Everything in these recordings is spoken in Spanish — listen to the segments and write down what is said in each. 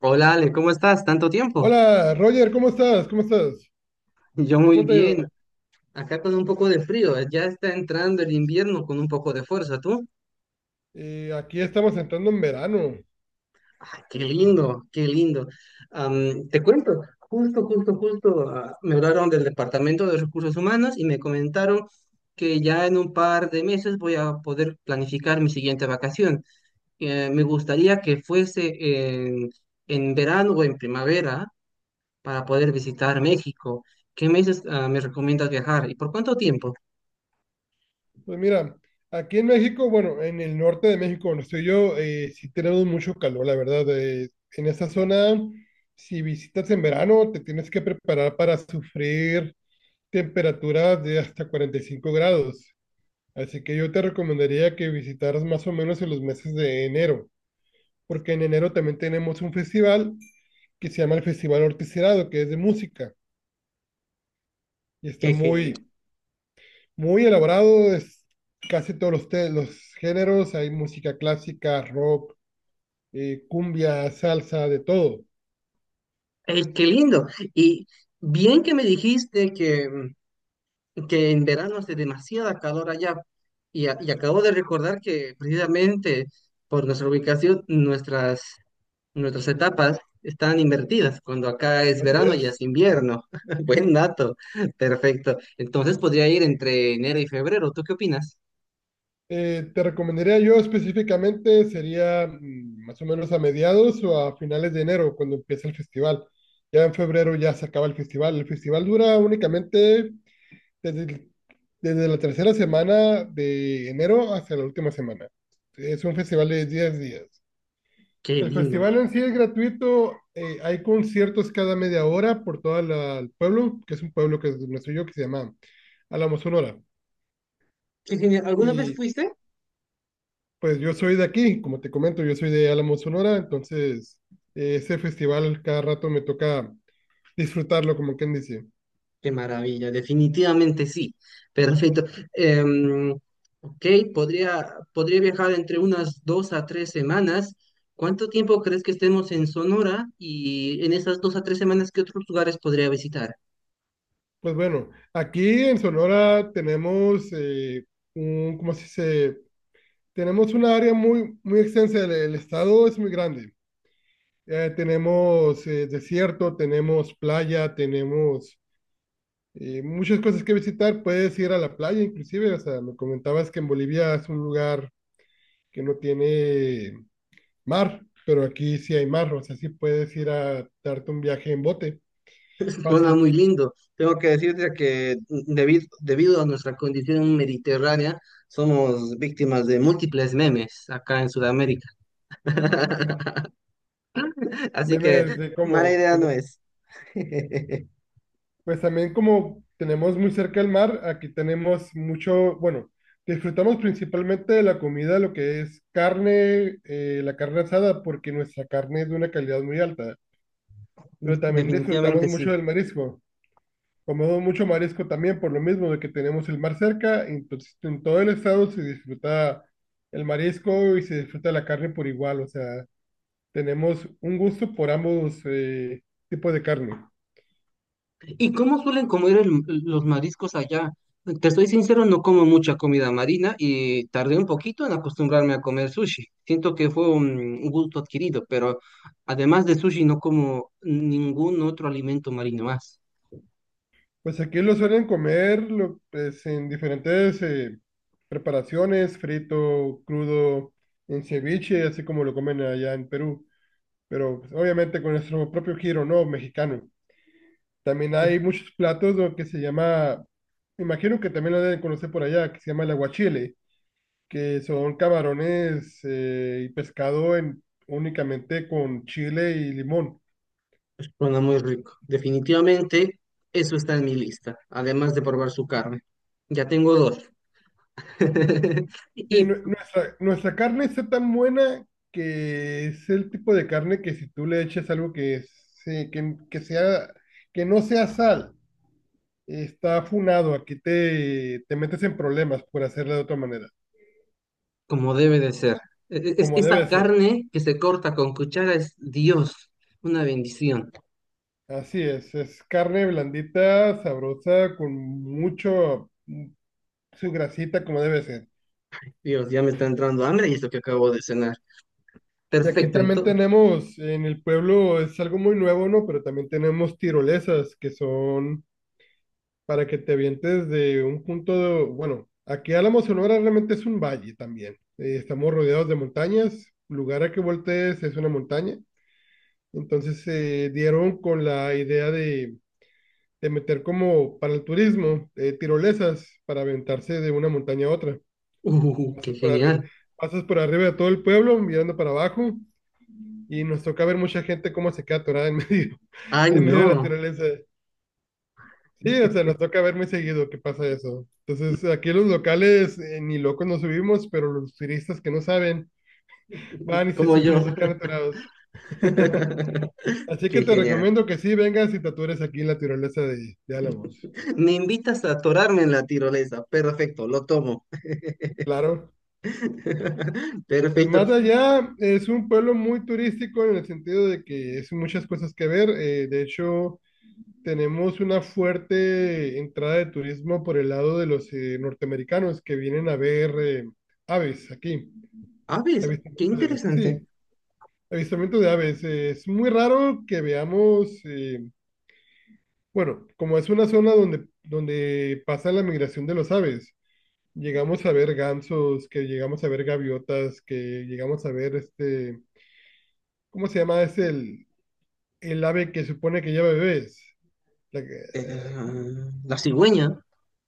Hola Ale, ¿cómo estás? ¿Tanto tiempo? Hola, Roger, ¿cómo estás? ¿Cómo estás? Yo muy ¿Cómo te ha ido? bien, acá con un poco de frío, ya está entrando el invierno con un poco de fuerza, ¿tú? Aquí estamos entrando en verano. Ah, qué lindo, qué lindo. Te cuento, justo, me hablaron del Departamento de Recursos Humanos y me comentaron que ya en un par de meses voy a poder planificar mi siguiente vacación. Me gustaría que fuese en verano o en primavera para poder visitar México. ¿Qué meses, me recomiendas viajar y por cuánto tiempo? Pues mira, aquí en México, bueno, en el norte de México, donde estoy yo, sí tenemos mucho calor, la verdad. En esa zona, si visitas en verano, te tienes que preparar para sufrir temperaturas de hasta 45 grados. Así que yo te recomendaría que visitaras más o menos en los meses de enero, porque en enero también tenemos un festival que se llama el Festival Ortiz Herado, que es de música. Y está Qué genial. Muy elaborado, es casi los géneros, hay música clásica, rock, cumbia, salsa, de todo, Ey, qué lindo. Y bien que me dijiste que en verano hace demasiada calor allá. Y acabo de recordar que precisamente por nuestra ubicación, nuestras etapas están invertidas. Cuando acá es así verano, allá es. es invierno. Buen dato. Perfecto. Entonces podría ir entre enero y febrero. ¿Tú qué opinas? Te recomendaría yo específicamente, sería más o menos a mediados o a finales de enero, cuando empieza el festival. Ya en febrero ya se acaba el festival. El festival dura únicamente desde, el- desde la tercera semana de enero hasta la última semana. Es un festival de 10 días. Qué El lindo. festival en sí es gratuito, hay conciertos cada media hora por todo el pueblo, que es un pueblo que es nuestro yo, que se llama Álamo Sonora. Qué genial. ¿Alguna vez Y fuiste? pues yo soy de aquí, como te comento, yo soy de Álamo Sonora, entonces ese festival cada rato me toca disfrutarlo, como quien dice. Qué maravilla, definitivamente sí. Perfecto. Em, ok, podría viajar entre unas dos a tres semanas. ¿Cuánto tiempo crees que estemos en Sonora? Y en esas dos a tres semanas, ¿qué otros lugares podría visitar? Pues bueno, aquí en Sonora tenemos un, ¿cómo se dice? Tenemos una área muy, muy extensa, del el estado es muy grande. Tenemos desierto, tenemos playa, tenemos muchas cosas que visitar. Puedes ir a la playa, inclusive. O sea, me comentabas que en Bolivia es un lugar que no tiene mar, pero aquí sí hay mar. O sea, sí puedes ir a darte un viaje en bote. Suena Fácil. muy lindo. Tengo que decirte que debido a nuestra condición mediterránea, somos víctimas de múltiples memes acá en Sudamérica. Así que Memes de mala como idea que no no. es. Pues también como tenemos muy cerca el mar, aquí tenemos mucho, bueno, disfrutamos principalmente de la comida, lo que es carne, la carne asada, porque nuestra carne es de una calidad muy alta, pero también disfrutamos Definitivamente mucho sí. del marisco. Comemos mucho marisco también por lo mismo de que tenemos el mar cerca, y entonces en todo el estado se disfruta el marisco y se disfruta la carne por igual, o sea, tenemos un gusto por ambos tipos de carne. ¿Y cómo suelen comer los mariscos allá? Te estoy sincero, no como mucha comida marina y tardé un poquito en acostumbrarme a comer sushi. Siento que fue un gusto adquirido, pero además de sushi no como ningún otro alimento marino más. Pues aquí lo suelen pues, en diferentes preparaciones, frito, crudo, en ceviche, así como lo comen allá en Perú, pero pues, obviamente con nuestro propio giro, ¿no? Mexicano. También hay muchos platos lo que se llama, imagino que también lo deben conocer por allá, que se llama el aguachile, que son camarones y pescado en, únicamente con chile y limón. Suena muy rico. Definitivamente eso está en mi lista, además de probar su carne. Ya tengo dos. Sí, Y nuestra carne está tan buena que es el tipo de carne que si tú le eches algo que sea, que no sea sal, está funado. Aquí te, te metes en problemas por hacerla de otra manera, como debe de ser, como esa debe ser. carne que se corta con cuchara es Dios, una bendición. Así es carne blandita, sabrosa, con mucho su grasita, como debe ser. Dios, ya me está entrando hambre y esto que acabo de cenar. Y aquí Perfecto, también entonces. tenemos, en el pueblo es algo muy nuevo, ¿no? Pero también tenemos tirolesas, que son para que te avientes de un Bueno, aquí Álamo Sonora realmente es un valle también. Estamos rodeados de montañas, lugar a que voltees es una montaña. Entonces se dieron con la idea de meter como para el turismo tirolesas para aventarse de una montaña a otra. Qué Pasas por arri- genial. Pasas por arriba de todo el pueblo mirando para abajo y nos toca ver mucha gente cómo se queda atorada en medio, Ay, en medio de la no, tirolesa. Sí, o sea, nos toca ver muy seguido que pasa eso. Entonces, aquí los locales ni locos nos subimos, pero los turistas que no saben van y se como suben y yo. se quedan atorados. Así que Qué te genial. recomiendo que sí vengas y te atures aquí en la tirolesa de Álamos. Me invitas a atorarme en la tirolesa. Perfecto, lo tomo. Claro. Pues más Perfecto. allá es un pueblo muy turístico en el sentido de que es muchas cosas que ver. De hecho, tenemos una fuerte entrada de turismo por el lado de los norteamericanos que vienen a ver aves aquí. Ah, ves, qué Avistamiento de aves, sí. interesante. Avistamiento de aves. Es muy raro que veamos, Bueno, como es una zona donde pasa la migración de los aves, llegamos a ver gansos, que llegamos a ver gaviotas, que llegamos a ver este, ¿cómo se llama? El ave que supone que lleva bebés. La que- Eh, eh, la cigüeña,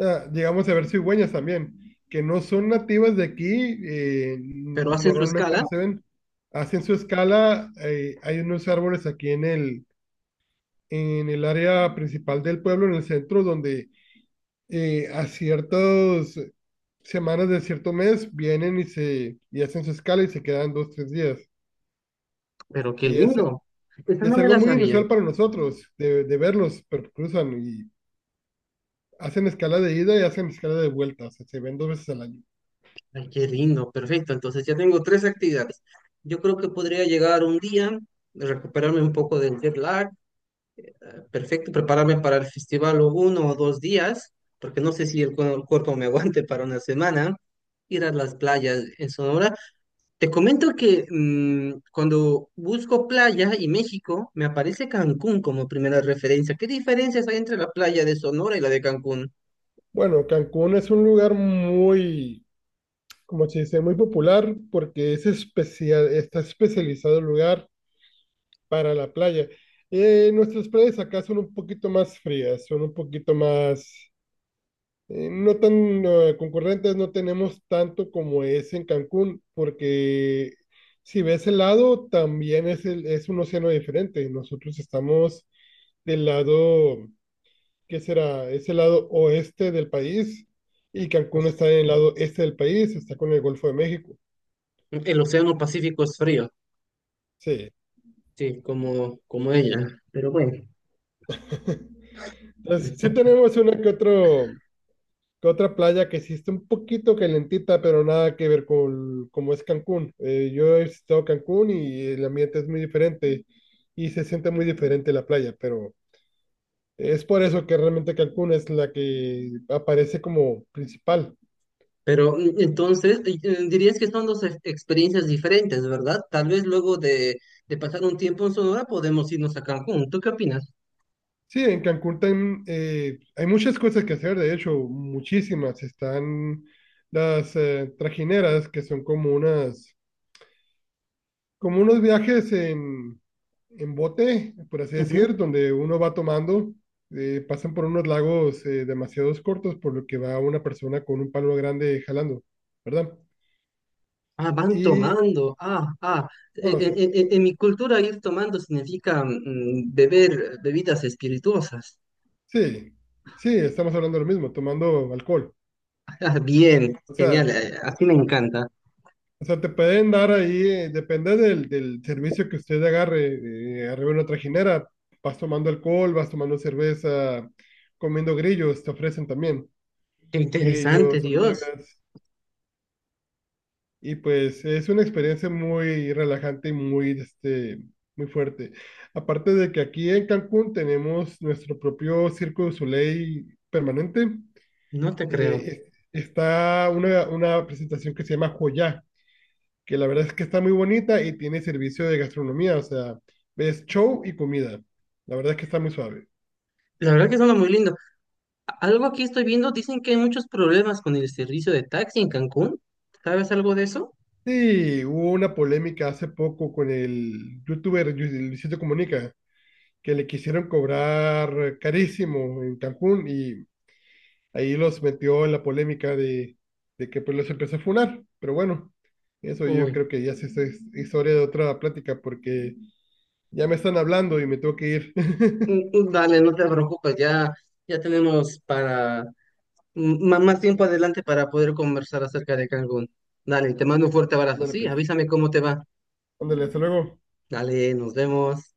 Ah, llegamos a ver cigüeñas también, que no son nativas de aquí, pero hacen su normalmente escala. no se ven. Hacen su escala, hay unos árboles aquí en el área principal del pueblo, en el centro, donde a ciertas semanas de cierto mes vienen y hacen su escala y se quedan dos, tres días. Pero qué Y es, lindo. Esa y es no me algo la muy sabía. inusual para nosotros de verlos, pero cruzan y hacen escala de ida y hacen escala de vuelta, o sea, se ven 2 veces al año. Ay, qué lindo. Perfecto. Entonces ya tengo tres actividades. Yo creo que podría llegar un día, recuperarme un poco del jet lag, perfecto, prepararme para el festival o uno o dos días, porque no sé si el cuerpo me aguante para una semana, ir a las playas en Sonora. Te comento que cuando busco playa y México, me aparece Cancún como primera referencia. ¿Qué diferencias hay entre la playa de Sonora y la de Cancún? Bueno, Cancún es un lugar muy, como se dice, muy popular porque es especial, está especializado el lugar para la playa. Nuestras playas acá son un poquito más frías, son un poquito no tan concurrentes, no tenemos tanto como es en Cancún, porque si ves el lado, también es, es un océano diferente. Nosotros estamos del lado ¿que será? Es el lado oeste del país y Cancún Pues, está en el lado este del país, está con el Golfo de México. el océano Pacífico es frío, Sí. sí, como ella, pero bueno. Entonces, sí tenemos que otra playa que sí está un poquito calentita, pero nada que ver con cómo es Cancún. Yo he visitado Cancún y el ambiente es muy diferente y se siente muy diferente la playa, pero es por eso que realmente Cancún es la que aparece como principal. Pero entonces dirías que son dos experiencias diferentes, ¿verdad? Tal vez luego de pasar un tiempo en Sonora podemos irnos a Cancún. ¿Tú qué opinas? Sí, en Cancún hay muchas cosas que hacer, de hecho, muchísimas. Están las trajineras, que son como unas, como unos viajes en bote, por así decir, Ujú. donde uno va tomando, pasan por unos lagos demasiados cortos, por lo que va una persona con un palo grande jalando, ¿verdad? Ah, van Y, tomando. Ah, ah. Bueno, sí, En mi cultura ir tomando significa beber bebidas espirituosas. sí, sí, estamos hablando de lo mismo, tomando alcohol. Ah, bien, O sea, genial. Así me encanta. O sea, te pueden dar ahí, depende del servicio que usted agarre, arriba en una trajinera, vas tomando alcohol, vas tomando cerveza, comiendo grillos, te ofrecen también Qué interesante, grillos, Dios. hormigas, y pues es una experiencia muy relajante y muy, este, muy fuerte. Aparte de que aquí en Cancún tenemos nuestro propio Circo du Soleil permanente, No te creo. eh, está una presentación que se llama Joya que la verdad es que está muy bonita y tiene servicio de gastronomía, o sea, ves show y comida. La verdad es que está muy suave. La verdad que suena muy lindo. Algo aquí estoy viendo, dicen que hay muchos problemas con el servicio de taxi en Cancún. ¿Sabes algo de eso? Sí, hubo una polémica hace poco con el youtuber Luisito Comunica, que le quisieron cobrar carísimo en Cancún y ahí los metió en la polémica de que pues los empezó a funar. Pero bueno, eso yo Uy, creo que ya sí es historia de otra plática porque ya me están hablando y me tengo que ir. Dale, no te preocupes, ya tenemos para más tiempo adelante para poder conversar acerca de Cancún. Dale, te mando un fuerte abrazo. Ándale Sí, pues, avísame cómo te va. ándale, hasta luego. Dale, nos vemos.